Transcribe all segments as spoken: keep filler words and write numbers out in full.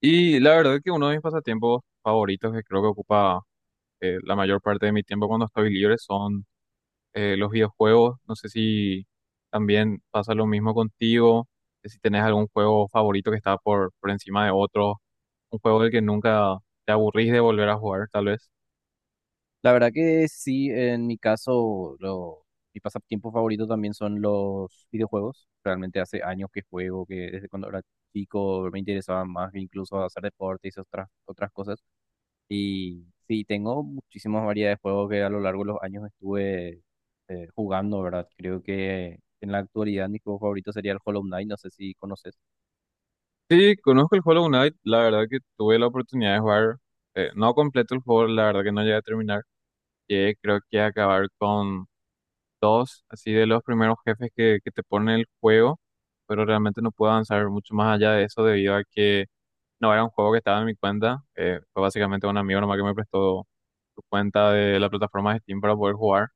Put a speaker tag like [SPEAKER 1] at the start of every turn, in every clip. [SPEAKER 1] Y la verdad que uno de mis pasatiempos favoritos que creo que ocupa, eh, la mayor parte de mi tiempo cuando estoy libre son, eh, los videojuegos. No sé si también pasa lo mismo contigo, eh, si tenés algún juego favorito que está por, por encima de otro, un juego del que nunca te aburrís de volver a jugar, tal vez.
[SPEAKER 2] La verdad que sí, en mi caso, lo, mi pasatiempo favorito también son los videojuegos. Realmente hace años que juego, que desde cuando era chico me interesaba más que incluso hacer deporte y otras, otras cosas. Y sí, tengo muchísimas variedades de juegos que a lo largo de los años estuve eh, jugando, ¿verdad? Creo que en la actualidad mi juego favorito sería el Hollow Knight, no sé si conoces.
[SPEAKER 1] Sí, conozco el Hollow Knight, la verdad que tuve la oportunidad de jugar, eh, no completo el juego, la verdad que no llegué a terminar, llegué creo que a acabar con dos, así de los primeros jefes que, que te pone el juego, pero realmente no pude avanzar mucho más allá de eso debido a que no era un juego que estaba en mi cuenta, eh, fue básicamente un amigo nomás que me prestó su cuenta de la plataforma de Steam para poder jugar,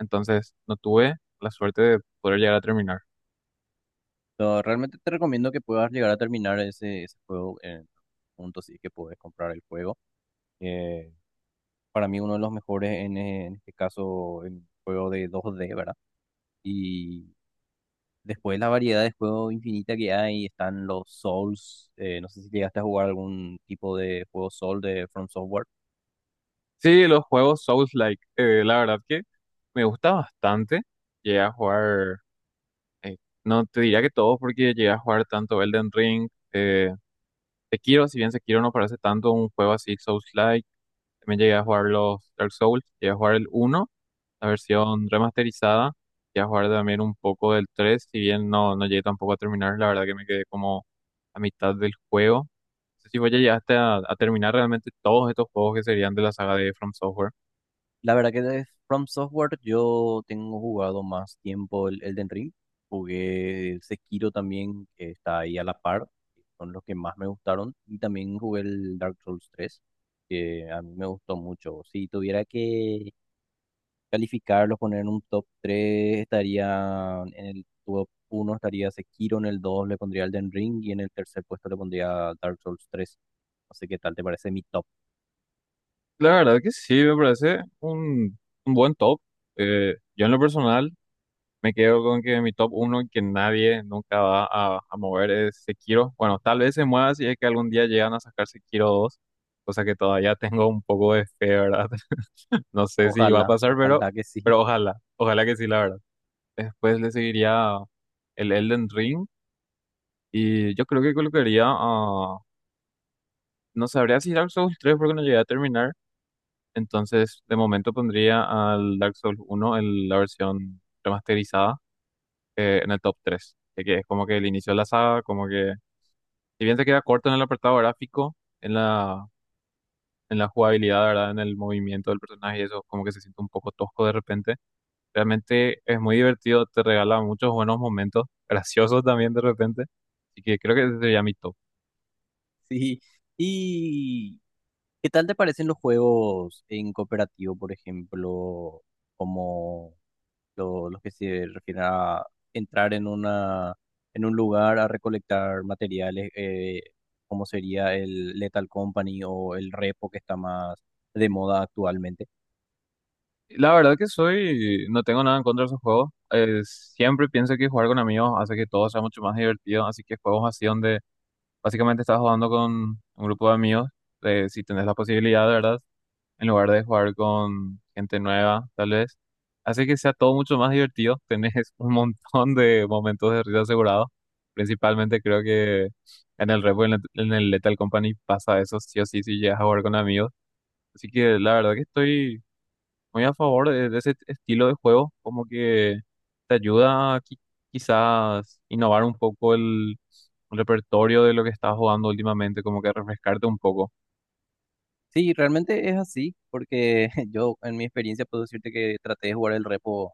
[SPEAKER 1] entonces no tuve la suerte de poder llegar a terminar.
[SPEAKER 2] Pero realmente te recomiendo que puedas llegar a terminar ese, ese juego en punto, sí que puedes comprar el juego. Eh, para mí uno de los mejores en, eh, en este caso el juego de dos de, ¿verdad? Y después la variedad de juegos infinita que hay, están los Souls, eh, no sé si llegaste a jugar algún tipo de juego Soul de From Software.
[SPEAKER 1] Sí, los juegos Souls-like, eh, la verdad que me gusta bastante, llegué a jugar, eh, no te diría que todos porque llegué a jugar tanto Elden Ring, eh, Sekiro. Si bien Sekiro no parece tanto un juego así souls, también llegué a jugar los Dark Souls, llegué a jugar el uno, la versión remasterizada, llegué a jugar también un poco del tres, si bien no, no llegué tampoco a terminar, la verdad que me quedé como a mitad del juego. No sé si vos ya llegaste a, a terminar realmente todos estos juegos que serían de la saga de From Software.
[SPEAKER 2] La verdad que de From Software yo tengo jugado más tiempo el Elden Ring, jugué el Sekiro también, que está ahí a la par, son los que más me gustaron, y también jugué el Dark Souls tres que a mí me gustó mucho. Si tuviera que calificarlos, poner en un top tres, estaría en el top uno estaría Sekiro, en el dos le pondría Elden Ring y en el tercer puesto le pondría Dark Souls tres. No sé qué tal te parece mi top.
[SPEAKER 1] La verdad que sí, me parece un, un buen top. Eh, yo en lo personal me quedo con que mi top uno que nadie nunca va a, a mover es Sekiro. Bueno, tal vez se mueva si es que algún día llegan a sacar Sekiro dos, cosa que todavía tengo un poco de fe, ¿verdad? No sé si va a
[SPEAKER 2] Ojalá,
[SPEAKER 1] pasar, pero,
[SPEAKER 2] ojalá que sí.
[SPEAKER 1] pero ojalá, ojalá que sí, la verdad. Después le seguiría el Elden Ring y yo creo que colocaría a... No sabría si Dark Souls tres porque no llegué a terminar, entonces de momento pondría al Dark Souls uno en la versión remasterizada, eh, en el top tres, que que es como que el inicio de la saga, como que, si bien se queda corto en el apartado gráfico, en la, en la jugabilidad, ¿verdad? En el movimiento del personaje y eso, como que se siente un poco tosco de repente. Realmente es muy divertido, te regala muchos buenos momentos, graciosos también de repente. Así que creo que ese sería mi top.
[SPEAKER 2] Sí. ¿Y qué tal te parecen los juegos en cooperativo, por ejemplo, como lo- los que se refieren a entrar en una, en un lugar a recolectar materiales, eh, como sería el Lethal Company o el Repo, que está más de moda actualmente?
[SPEAKER 1] La verdad que soy, no tengo nada en contra de esos juegos. Eh, siempre pienso que jugar con amigos hace que todo sea mucho más divertido. Así que juegos así donde básicamente estás jugando con un grupo de amigos, eh, si tenés la posibilidad, ¿verdad? En lugar de jugar con gente nueva, tal vez. Hace que sea todo mucho más divertido. Tenés un montón de momentos de risa asegurados. Principalmente creo que en el Repo y en el en el Lethal Company pasa eso sí o sí si llegas a jugar con amigos. Así que la verdad que estoy muy a favor de, de ese estilo de juego, como que te ayuda a qui- quizás innovar un poco el el repertorio de lo que estás jugando últimamente, como que refrescarte un poco.
[SPEAKER 2] Sí, realmente es así, porque yo en mi experiencia puedo decirte que traté de jugar el repo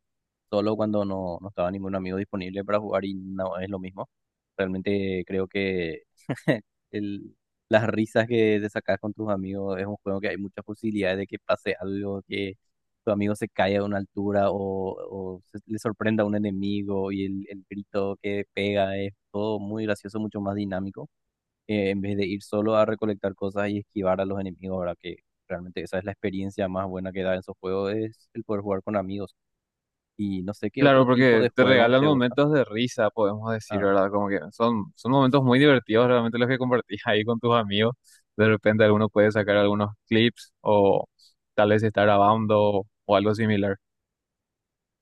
[SPEAKER 2] solo cuando no, no estaba ningún amigo disponible para jugar, y no es lo mismo. Realmente creo que el- las risas que te sacas con tus amigos. Es un juego que hay muchas posibilidades de que pase algo, que tu amigo se caiga a una altura o, o se- le sorprenda a un enemigo y el, el grito que pega es todo muy gracioso, mucho más dinámico, eh, en vez de ir solo a recolectar cosas y esquivar a los enemigos, ¿verdad? Que realmente esa es la experiencia más buena que da en esos juegos, es el poder jugar con amigos. Y no sé qué
[SPEAKER 1] Claro,
[SPEAKER 2] otro tipo
[SPEAKER 1] porque
[SPEAKER 2] de
[SPEAKER 1] te
[SPEAKER 2] juego
[SPEAKER 1] regalan
[SPEAKER 2] te gusta.
[SPEAKER 1] momentos de risa, podemos decir,
[SPEAKER 2] Ah,
[SPEAKER 1] ¿verdad? Como que son, son momentos muy divertidos realmente los que compartís ahí con tus amigos. De repente alguno puede sacar algunos clips o tal vez estar grabando o algo similar.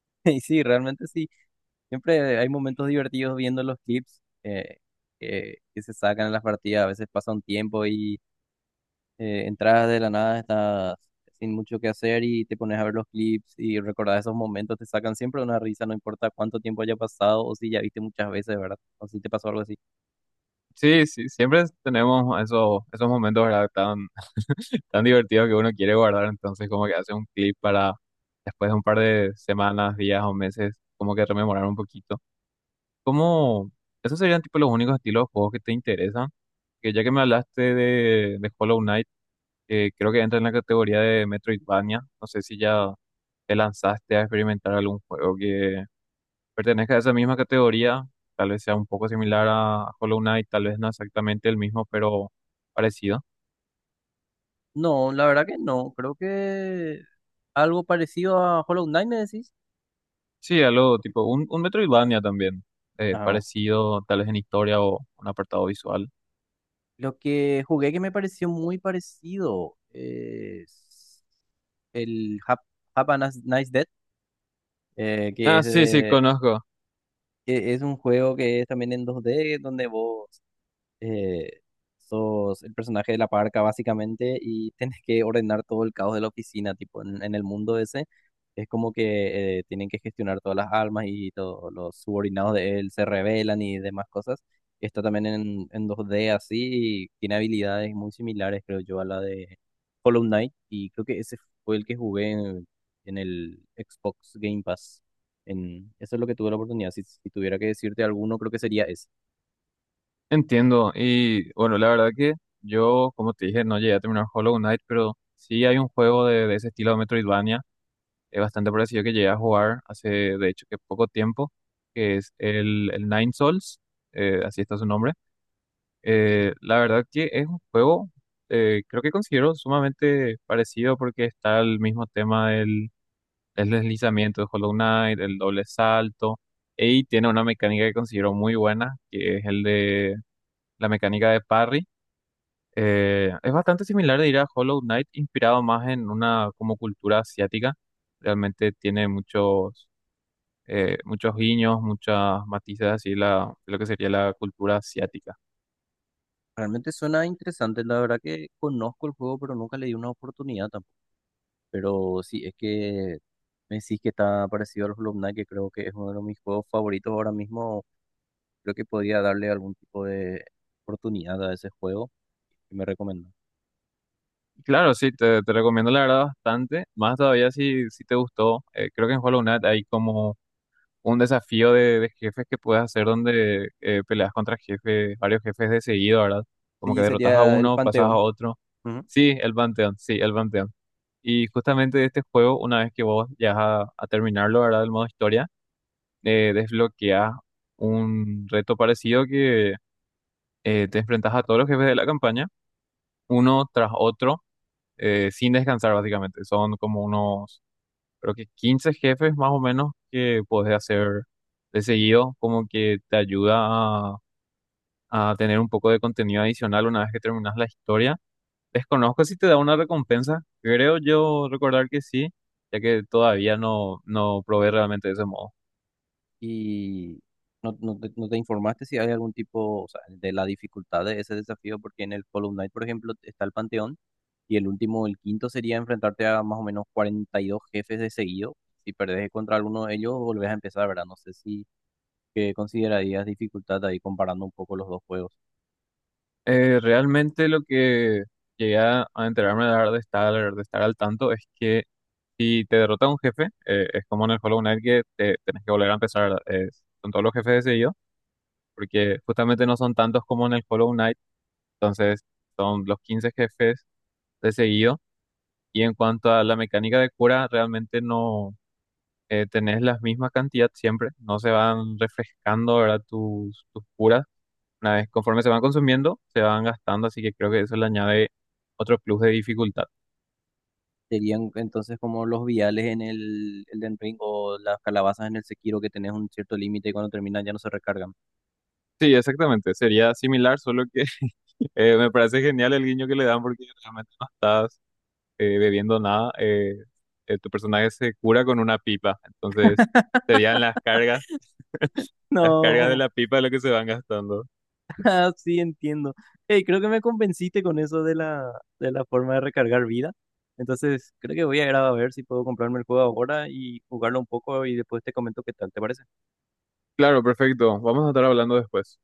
[SPEAKER 2] y sí, realmente sí, siempre hay momentos divertidos viendo los clips, eh, que, que se sacan en las partidas. A veces pasa un tiempo y eh, entras de la nada, estás sin mucho que hacer y te pones a ver los clips y recordar esos momentos, te sacan siempre una risa, no importa cuánto tiempo haya pasado o si ya viste muchas veces, ¿verdad? O si te pasó algo así.
[SPEAKER 1] Sí, sí, siempre tenemos esos, esos momentos, ¿verdad? Tan, tan divertidos que uno quiere guardar, entonces como que hace un clip para después de un par de semanas, días o meses, como que rememorar un poquito. ¿Cómo? ¿Esos serían tipo los únicos estilos de juegos que te interesan? Que ya que me hablaste de, de Hollow Knight, eh, creo que entra en la categoría de Metroidvania. No sé si ya te lanzaste a experimentar algún juego que pertenezca a esa misma categoría. Tal vez sea un poco similar a a Hollow Knight, tal vez no exactamente el mismo, pero parecido.
[SPEAKER 2] No, la verdad que no. Creo que algo parecido a Hollow Knight, me decís.
[SPEAKER 1] Sí, algo tipo un, un Metroidvania también, eh,
[SPEAKER 2] Ah,
[SPEAKER 1] parecido tal vez en historia o un apartado visual.
[SPEAKER 2] lo que jugué que me pareció muy parecido es el Hap- Have a Nice Nice Death, eh, que es,
[SPEAKER 1] Ah, sí, sí,
[SPEAKER 2] de-
[SPEAKER 1] conozco.
[SPEAKER 2] que es un juego que es también en dos de, donde vos eh, sos el personaje de la parca, básicamente, y tenés que ordenar todo el caos de la oficina, tipo en, en el mundo ese, es como que eh, tienen que gestionar todas las almas y todos los subordinados de él se rebelan y demás cosas. Está también en, en dos de así, y tiene habilidades muy similares, creo yo, a la de Hollow Knight, y creo que ese fue el que jugué en, en el Xbox Game Pass. En, eso es lo que tuve la oportunidad. Si, si tuviera que decirte alguno, creo que sería ese.
[SPEAKER 1] Entiendo, y bueno, la verdad que yo, como te dije, no llegué a terminar Hollow Knight, pero sí hay un juego de, de ese estilo de Metroidvania, es bastante parecido que llegué a jugar hace, de hecho, que poco tiempo, que es el, el Nine Souls, eh, así está su nombre. Eh, la verdad que es un juego, eh, creo que considero sumamente parecido porque está el mismo tema del, del deslizamiento de Hollow Knight, el doble salto, y tiene una mecánica que considero muy buena, que es el de la mecánica de parry, eh, es bastante similar, diría, a Hollow Knight, inspirado más en una como cultura asiática. Realmente tiene muchos, eh, muchos guiños, muchas matices así la, de lo que sería la cultura asiática.
[SPEAKER 2] Realmente suena interesante, la verdad que conozco el juego, pero nunca le di una oportunidad tampoco. Pero sí, es que me decís que está parecido al Hollow Knight, que creo que es uno de mis juegos favoritos ahora mismo. Creo que podría darle algún tipo de oportunidad a ese juego que me recomienda.
[SPEAKER 1] Y claro, sí, te, te recomiendo la verdad bastante. Más todavía si, si te gustó. eh, creo que en Hollow Knight hay como un desafío de, de jefes que puedes hacer donde eh, peleas contra jefes, varios jefes de seguido, ¿verdad? Como que
[SPEAKER 2] Sí,
[SPEAKER 1] derrotas a
[SPEAKER 2] sería el
[SPEAKER 1] uno, pasas a
[SPEAKER 2] Panteón.
[SPEAKER 1] otro.
[SPEAKER 2] Ujú.
[SPEAKER 1] Sí, el Panteón, sí, el Panteón. Y justamente de este juego, una vez que vos llegas a, a terminarlo, ¿verdad? El modo historia, eh, desbloqueas un reto parecido que eh, te enfrentas a todos los jefes de la campaña, uno tras otro, eh, sin descansar básicamente. Son como unos, creo que quince jefes más o menos que podés hacer de seguido, como que te ayuda a, a tener un poco de contenido adicional una vez que terminas la historia. Desconozco si te da una recompensa, creo yo recordar que sí, ya que todavía no, no probé realmente de ese modo.
[SPEAKER 2] Y no, no te, no te informaste si hay algún tipo, o sea, de la dificultad de ese desafío, porque en el Hollow Knight, por ejemplo, está el Panteón. Y el último, el quinto, sería enfrentarte a más o menos cuarenta y dos jefes de seguido. Si perdés contra alguno de ellos, volvés a empezar, ¿verdad? No sé si que considerarías dificultad ahí comparando un poco los dos juegos.
[SPEAKER 1] Eh, realmente lo que llegué a a enterarme de de estar, de estar al tanto es que si te derrota un jefe, eh, es como en el Hollow Knight que te, tenés que volver a empezar, eh, con todos los jefes de, porque justamente no son tantos como en el Hollow Knight, entonces son los quince jefes de seguido. Y en cuanto a la mecánica de cura, realmente no, eh, tenés la misma cantidad siempre, no se van refrescando ahora tus, tus curas. Una vez conforme se van consumiendo, se van gastando, así que creo que eso le añade otro plus de dificultad.
[SPEAKER 2] Serían entonces como los viales en el Elden Ring o las calabazas en el Sekiro, que tenés un cierto límite y cuando terminan ya no se recargan.
[SPEAKER 1] Sí, exactamente, sería similar, solo que eh, me parece genial el guiño que le dan porque realmente no estás, eh, bebiendo nada, eh, eh, tu personaje se cura con una pipa. Entonces, serían las cargas, las cargas de
[SPEAKER 2] No,
[SPEAKER 1] la pipa lo que se van gastando.
[SPEAKER 2] ah, sí, entiendo. Hey, creo que me convenciste con eso de la, de la forma de recargar vida. Entonces, creo que voy a ir a ver si puedo comprarme el juego ahora y jugarlo un poco y después te comento qué tal, ¿te parece?
[SPEAKER 1] Claro, perfecto. Vamos a estar hablando después.